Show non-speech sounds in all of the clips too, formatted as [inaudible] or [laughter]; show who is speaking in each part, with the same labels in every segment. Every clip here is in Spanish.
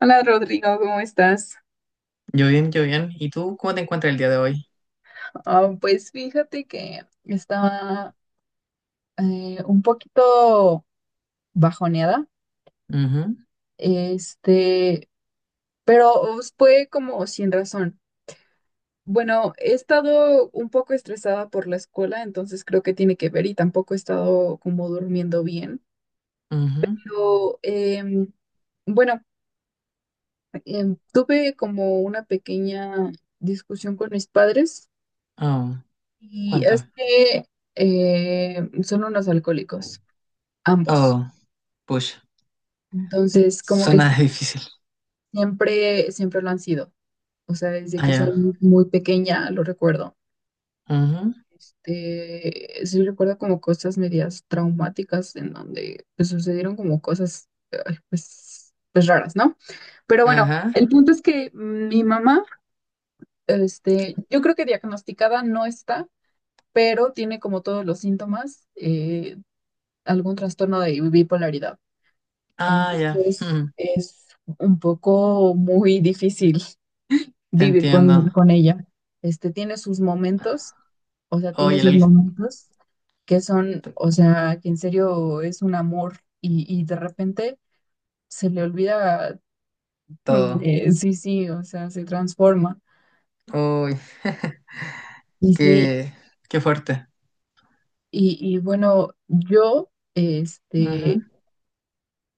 Speaker 1: Hola Rodrigo, ¿cómo estás?
Speaker 2: Yo bien, yo bien. ¿Y tú cómo te encuentras el día de hoy?
Speaker 1: Ah, pues fíjate que estaba un poquito bajoneada,
Speaker 2: Ujú,
Speaker 1: este, pero pues, fue como sin razón. Bueno, he estado un poco estresada por la escuela, entonces creo que tiene que ver y tampoco he estado como durmiendo bien.
Speaker 2: ujú.
Speaker 1: Pero bueno, tuve como una pequeña discusión con mis padres
Speaker 2: Oh,
Speaker 1: y es
Speaker 2: cuéntame.
Speaker 1: que son unos alcohólicos. Ambos.
Speaker 2: Oh, push.
Speaker 1: Entonces, como que
Speaker 2: Suena
Speaker 1: sí,
Speaker 2: [laughs] difícil.
Speaker 1: siempre, siempre lo han sido. O sea, desde
Speaker 2: Ah,
Speaker 1: que soy
Speaker 2: ya.
Speaker 1: muy, muy pequeña lo recuerdo.
Speaker 2: Ujú,
Speaker 1: Sí recuerdo como cosas medias traumáticas en donde pues, sucedieron como cosas ay, pues raras, ¿no? Pero bueno,
Speaker 2: ajá.
Speaker 1: el punto es que mi mamá, yo creo que diagnosticada no está, pero tiene como todos los síntomas, algún trastorno de bipolaridad.
Speaker 2: Ah, ya.
Speaker 1: Entonces,
Speaker 2: Ujú.
Speaker 1: es un poco muy difícil
Speaker 2: Te
Speaker 1: vivir
Speaker 2: entiendo.
Speaker 1: con ella. Tiene sus momentos, o sea, tiene
Speaker 2: Oye,
Speaker 1: sus momentos que son,
Speaker 2: t-
Speaker 1: o sea, que en serio es un amor y de repente se le olvida, [laughs]
Speaker 2: todo.
Speaker 1: sí, sí, o sea, se transforma.
Speaker 2: Uy, [laughs]
Speaker 1: Y sí,
Speaker 2: qué, qué fuerte.
Speaker 1: y bueno, yo, este,
Speaker 2: Ujú.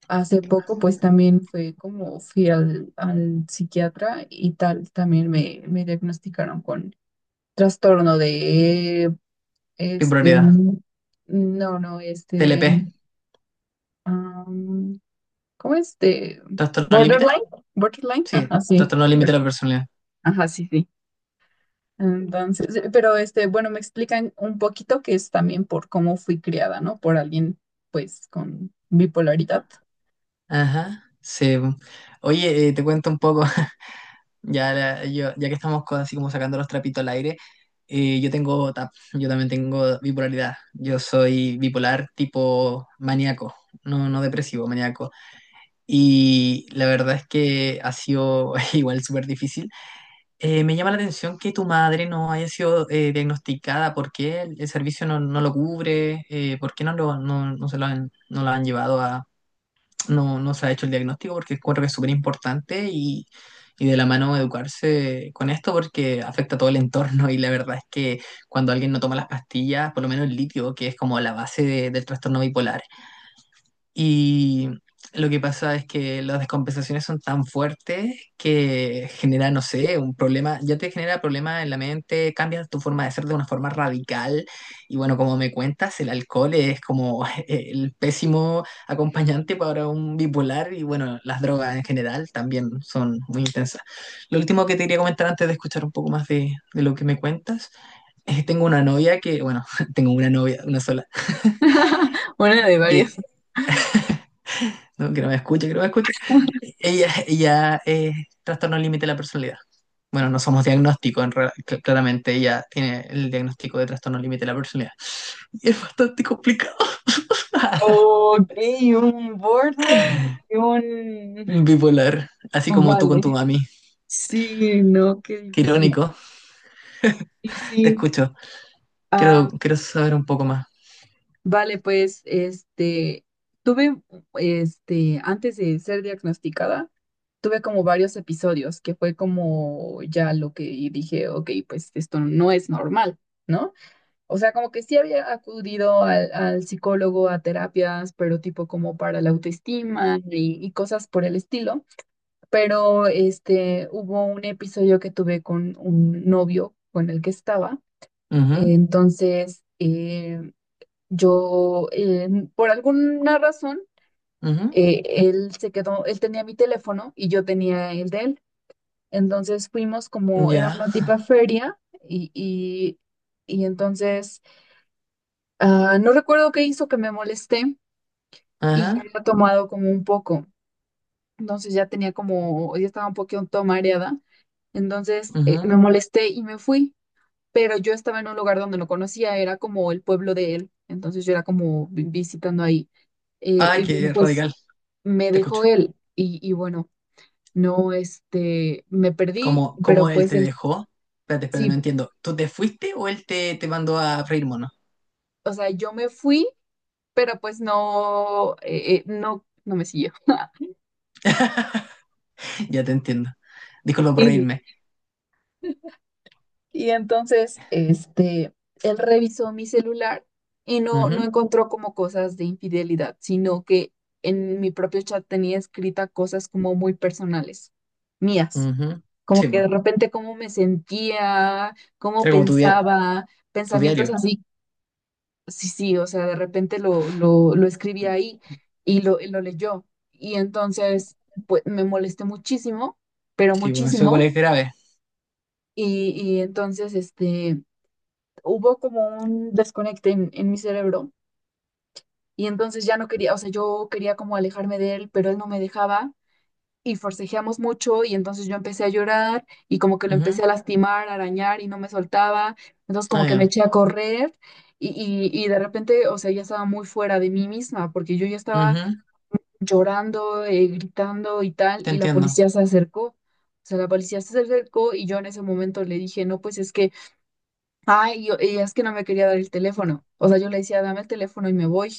Speaker 1: hace poco pues también fue como fui al psiquiatra y tal, también me diagnosticaron con trastorno de
Speaker 2: Mi
Speaker 1: Este,
Speaker 2: prioridad.
Speaker 1: no, no,
Speaker 2: TLP.
Speaker 1: de, am, ¿cómo es? De
Speaker 2: ¿Trastorno límite?
Speaker 1: Borderline, Borderline,
Speaker 2: Sí,
Speaker 1: ajá, sí,
Speaker 2: trastorno límite de la personalidad.
Speaker 1: ajá, sí, sí. Entonces, pero bueno, me explican un poquito que es también por cómo fui criada, ¿no? Por alguien, pues, con bipolaridad.
Speaker 2: Ajá. Sí. Oye, te cuento un poco. [laughs] Ya, ya que estamos así como sacando los trapitos al aire. Yo tengo TAP, yo también tengo bipolaridad. Yo soy bipolar tipo maníaco, no, no depresivo, maníaco. Y la verdad es que ha sido [laughs] igual súper difícil. Me llama la atención que tu madre no haya sido diagnosticada. ¿Por qué el servicio no lo cubre? ¿Por qué no se lo han, no lo han llevado, no, no se ha hecho el diagnóstico? Porque encuentro que es súper importante, y de la mano educarse con esto porque afecta a todo el entorno. [laughs] Y la verdad es que cuando alguien no toma las pastillas, por lo menos el litio, que es como la base del trastorno bipolar, y lo que pasa es que las descompensaciones son tan fuertes que genera, no sé, un problema, ya te genera problemas en la mente, cambias tu forma de ser de una forma radical. Y bueno, como me cuentas, el alcohol es como [laughs] el pésimo acompañante para un bipolar, y bueno, las drogas en general también son muy intensas. Lo último que te quería comentar antes de escuchar un poco más de lo que me cuentas, es que tengo una novia que, bueno, [laughs] tengo una novia, una sola
Speaker 1: [laughs] Una de
Speaker 2: que
Speaker 1: varias.
Speaker 2: no, que no me escuche, que no me escuche.
Speaker 1: [laughs]
Speaker 2: Ella es trastorno límite de la personalidad. Bueno, no somos diagnóstico, claramente ella tiene el diagnóstico de trastorno límite de la personalidad. Y es bastante complicado. [laughs]
Speaker 1: Ok, un border y un.
Speaker 2: Bipolar, así como tú con
Speaker 1: Vale.
Speaker 2: tu mami.
Speaker 1: Sí, no, qué
Speaker 2: Qué
Speaker 1: difícil.
Speaker 2: irónico.
Speaker 1: Sí,
Speaker 2: Te
Speaker 1: sí.
Speaker 2: escucho. Quiero saber un poco más.
Speaker 1: Vale, pues, tuve, antes de ser diagnosticada, tuve como varios episodios que fue como ya lo que dije, ok, pues esto no es normal, ¿no? O sea, como que sí había acudido al psicólogo a terapias, pero tipo como para la autoestima y cosas por el estilo, pero hubo un episodio que tuve con un novio con el que estaba,
Speaker 2: Ujú,
Speaker 1: entonces yo, por alguna razón,
Speaker 2: ujú,
Speaker 1: él se quedó, él tenía mi teléfono y yo tenía el de él. Entonces fuimos como, era
Speaker 2: ya.
Speaker 1: una tipa feria y, y, y entonces no recuerdo qué hizo que me molesté y ya
Speaker 2: Ajá.
Speaker 1: había tomado como un poco. Entonces ya tenía como, ya estaba un poquito mareada. Entonces
Speaker 2: Ujú.
Speaker 1: me molesté y me fui, pero yo estaba en un lugar donde no conocía, era como el pueblo de él. Entonces yo era como visitando ahí. Eh,
Speaker 2: Ay,
Speaker 1: y bueno,
Speaker 2: qué
Speaker 1: pues
Speaker 2: radical.
Speaker 1: me
Speaker 2: Te
Speaker 1: dejó
Speaker 2: escucho.
Speaker 1: él y bueno, no, me perdí,
Speaker 2: ¿Cómo
Speaker 1: pero
Speaker 2: él
Speaker 1: pues
Speaker 2: te
Speaker 1: él
Speaker 2: dejó? Espérate, espérate, no
Speaker 1: sí,
Speaker 2: entiendo. ¿Tú te fuiste o él te mandó a freír mono?
Speaker 1: o sea, yo me fui, pero pues no, no, no me siguió. [laughs]
Speaker 2: [laughs] [laughs] Ya te entiendo. Disculpa por
Speaker 1: Y,
Speaker 2: reírme.
Speaker 1: y entonces, él revisó mi celular y no, no
Speaker 2: Ujú,
Speaker 1: encontró como cosas de infidelidad, sino que en mi propio chat tenía escrita cosas como muy personales, mías.
Speaker 2: ujú.
Speaker 1: Como
Speaker 2: Sí,
Speaker 1: que
Speaker 2: pues.
Speaker 1: de repente cómo me sentía, cómo
Speaker 2: Era como tu diario.
Speaker 1: pensaba,
Speaker 2: Tu
Speaker 1: pensamientos
Speaker 2: diario.
Speaker 1: así. Sí, sí, o sea, de repente lo escribí ahí y lo leyó. Y entonces, pues, me molesté muchísimo, pero
Speaker 2: Sí, pues eso igual es
Speaker 1: muchísimo.
Speaker 2: grave.
Speaker 1: Y entonces, hubo como un desconecte en mi cerebro. Y entonces ya no quería, o sea, yo quería como alejarme de él, pero él no me dejaba. Y forcejeamos mucho y entonces yo empecé a llorar y como que lo empecé
Speaker 2: Ujú.
Speaker 1: a lastimar, a arañar y no me soltaba, entonces como
Speaker 2: Ah,
Speaker 1: que me
Speaker 2: ya.
Speaker 1: eché a correr y, y de repente, o sea, ya estaba muy fuera de mí misma porque yo ya estaba
Speaker 2: Ujú.
Speaker 1: llorando, gritando y tal
Speaker 2: Te
Speaker 1: y la
Speaker 2: entiendo.
Speaker 1: policía se acercó. O sea, la policía se acercó y yo en ese momento le dije, no, pues es que ay, yo, y es que no me quería dar el teléfono. O sea, yo le decía, dame el teléfono y me voy.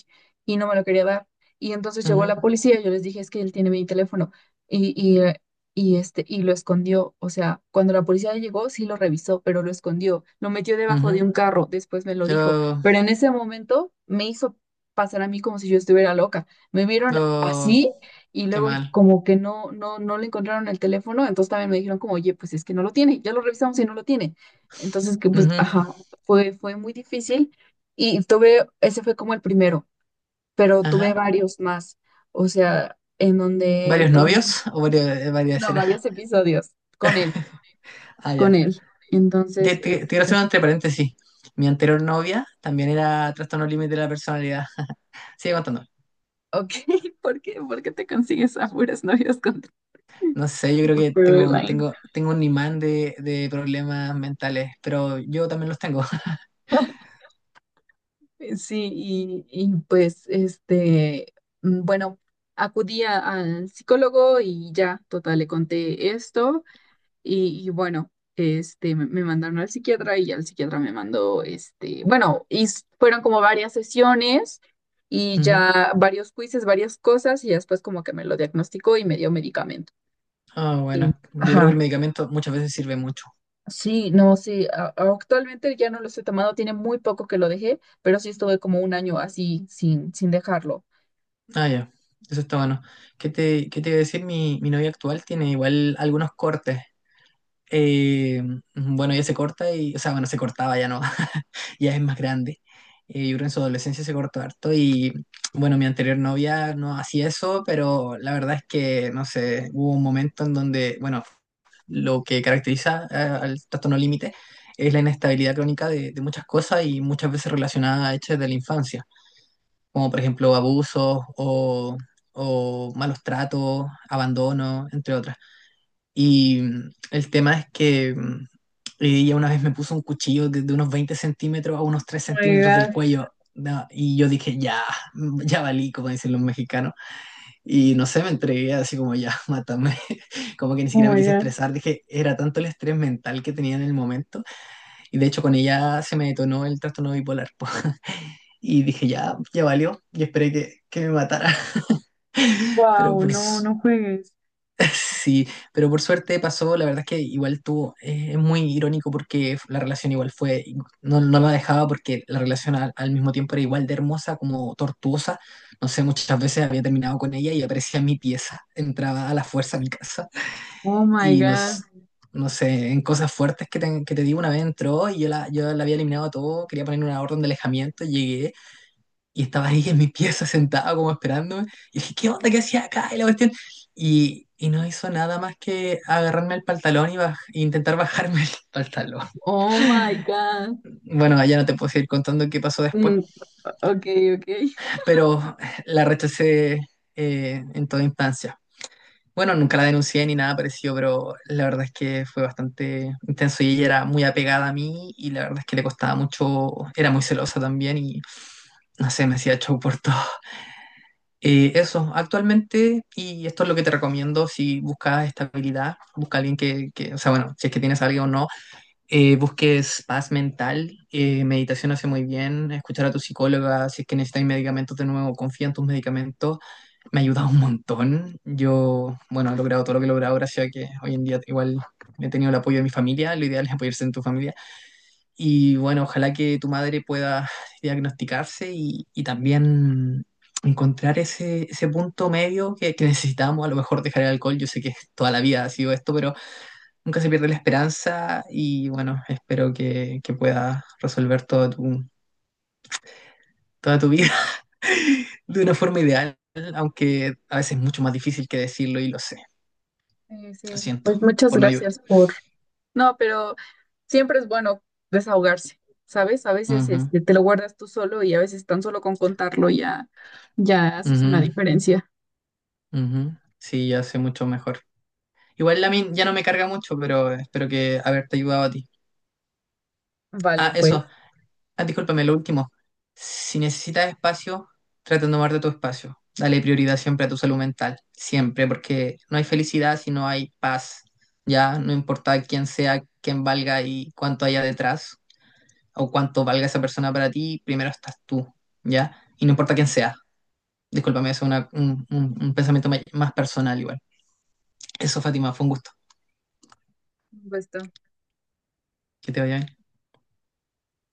Speaker 1: Y no me lo quería dar. Y entonces llegó
Speaker 2: Ujú,
Speaker 1: la policía y yo les dije, es que él tiene mi teléfono. Y, y, eh, y lo escondió. O sea, cuando la policía llegó, sí lo revisó, pero lo escondió. Lo metió debajo de
Speaker 2: ujú.
Speaker 1: un carro. Después me lo dijo.
Speaker 2: Pero,
Speaker 1: Pero en ese momento me hizo pasar a mí como si yo estuviera loca. Me vieron
Speaker 2: pero,
Speaker 1: así y
Speaker 2: qué
Speaker 1: luego
Speaker 2: mal.
Speaker 1: como que no, no, no le encontraron el teléfono. Entonces también me dijeron como, oye, pues es que no lo tiene. Ya lo revisamos y no lo tiene. Entonces, que pues,
Speaker 2: Ujú,
Speaker 1: ajá, fue muy difícil y tuve, ese fue como el primero, pero tuve
Speaker 2: ajá.
Speaker 1: varios más, o sea, en donde,
Speaker 2: ¿Varios novios o varias
Speaker 1: no,
Speaker 2: escenas?
Speaker 1: varios
Speaker 2: [laughs]
Speaker 1: episodios con él,
Speaker 2: Ah,
Speaker 1: con
Speaker 2: ya.
Speaker 1: él.
Speaker 2: Te,
Speaker 1: Entonces,
Speaker 2: te- te- quiero hacer un entre paréntesis. Mi anterior novia también era trastorno límite de la personalidad. [laughs] Sigue contando.
Speaker 1: ok, [laughs] ¿por qué te consigues a puras novias con
Speaker 2: No sé, yo creo que tengo,
Speaker 1: Caroline?
Speaker 2: tengo, tengo un imán de problemas mentales, pero yo también los tengo. [laughs]
Speaker 1: [laughs] Sí, y, pues, bueno, acudí al psicólogo y ya, total, le conté esto. Y bueno, me mandaron al psiquiatra y ya el psiquiatra me mandó, bueno, y fueron como varias sesiones y
Speaker 2: Ujú.
Speaker 1: ya varios quizzes, varias cosas y ya después como que me lo diagnosticó y me dio medicamento.
Speaker 2: Ah,
Speaker 1: Y,
Speaker 2: bueno, yo creo que el
Speaker 1: ajá,
Speaker 2: medicamento muchas veces sirve mucho.
Speaker 1: sí, no, sí, actualmente ya no lo estoy tomando, tiene muy poco que lo dejé, pero sí estuve como un año así sin dejarlo.
Speaker 2: Ah, ya, eso está bueno. ¿Qué te iba a decir? Mi novia actual tiene igual algunos cortes. Eh, bueno, ella se corta y, o sea, bueno, se cortaba ya no, [laughs] ya es más grande. Yo creo que en su adolescencia se cortó harto y, bueno, mi anterior novia no hacía eso, pero la verdad es que, no sé, hubo un momento en donde, bueno, lo que caracteriza al trastorno límite es la inestabilidad crónica de muchas cosas y muchas veces relacionada a hechos de la infancia, como por ejemplo abusos o malos tratos, abandono, entre otras. Y el tema es que ella una vez me puso un cuchillo de unos 20 centímetros a unos tres
Speaker 1: Oh my
Speaker 2: centímetros del
Speaker 1: God,
Speaker 2: cuello. No, y yo dije, ya, ya valí, como dicen los mexicanos. Y no sé, me entregué así como ya, [laughs] mátame. [laughs] Como que ni
Speaker 1: oh
Speaker 2: siquiera me
Speaker 1: my
Speaker 2: quise
Speaker 1: God.
Speaker 2: estresar. Dije, era tanto el estrés mental que tenía en el momento. Y de hecho, con ella se me detonó el trastorno bipolar. Po. [laughs] Y dije, ya, ya valió. Y esperé que me matara. [laughs] Pero
Speaker 1: Wow, no, no juegues.
Speaker 2: [laughs] sí, pero por suerte pasó. La verdad es que igual tuvo, es muy irónico porque la relación igual fue, no, no la dejaba porque la relación al mismo tiempo era igual de hermosa como tortuosa. No sé, muchas veces había terminado con ella y aparecía en mi pieza, entraba a la fuerza a mi casa
Speaker 1: Oh my
Speaker 2: y nos,
Speaker 1: God.
Speaker 2: no sé, en cosas fuertes que te digo, una vez entró y yo la había eliminado a todo, quería poner una orden de alejamiento, llegué. Y estaba ahí en mi pieza sentado como esperándome. Y dije, ¿qué onda? ¿Qué hacía acá? Y la cuestión. Y no hizo nada más que agarrarme el pantalón y e intentar bajarme el [laughs] pantalón.
Speaker 1: Oh my God.
Speaker 2: Bueno, ya no te puedo seguir contando qué pasó después,
Speaker 1: Mm, ok, ok.
Speaker 2: pero la rechacé en toda instancia. Bueno, nunca la denuncié ni nada parecido, pero la verdad es que fue bastante intenso y ella era muy apegada a mí y la verdad es que le costaba mucho, era muy celosa también y no sé, me hacía show por todo. Eso, actualmente, y esto es lo que te recomiendo: si buscas estabilidad, busca alguien o sea, bueno, si es que tienes a alguien o no, busques paz mental, meditación hace muy bien, escuchar a tu psicóloga, si es que necesitas medicamentos de nuevo, confía en tus medicamentos, me ha ayudado un montón. Yo, bueno, he logrado todo lo que he logrado gracias a que hoy en día igual he tenido el apoyo de mi familia. Lo ideal es apoyarse en tu familia. Y bueno, ojalá que tu madre pueda diagnosticarse y también encontrar ese punto medio que necesitamos. A lo mejor dejar el alcohol, yo sé que toda la vida ha sido esto, pero nunca se pierde la esperanza y bueno, espero que pueda resolver toda tu vida [laughs] de una forma ideal, aunque a veces es mucho más difícil que decirlo, y lo sé.
Speaker 1: Sí,
Speaker 2: Lo
Speaker 1: sí,
Speaker 2: siento,
Speaker 1: pues muchas
Speaker 2: por no ayudar.
Speaker 1: gracias por. No, pero siempre es bueno desahogarse, ¿sabes? A veces
Speaker 2: Ujú,
Speaker 1: te lo guardas tú solo y a veces tan solo con contarlo ya, ya haces una
Speaker 2: ujú,
Speaker 1: diferencia.
Speaker 2: ujú. Sí, ya sé mucho mejor. Igual la min ya no me carga mucho, pero espero que haberte ayudado a ti.
Speaker 1: Vale,
Speaker 2: Ah,
Speaker 1: pues.
Speaker 2: eso. Ah, discúlpame, lo último. Si necesitas espacio, trata de tomarte tu espacio. Dale prioridad siempre a tu salud mental. Siempre, porque no hay felicidad si no hay paz. Ya, no importa quién sea, quién valga y cuánto haya detrás, o cuánto valga esa persona para ti, primero estás tú. ¿Ya? Y no importa quién sea. Discúlpame, eso es un pensamiento más personal igual. Eso, Fátima, fue un gusto.
Speaker 1: Un gusto.
Speaker 2: Que te vaya bien.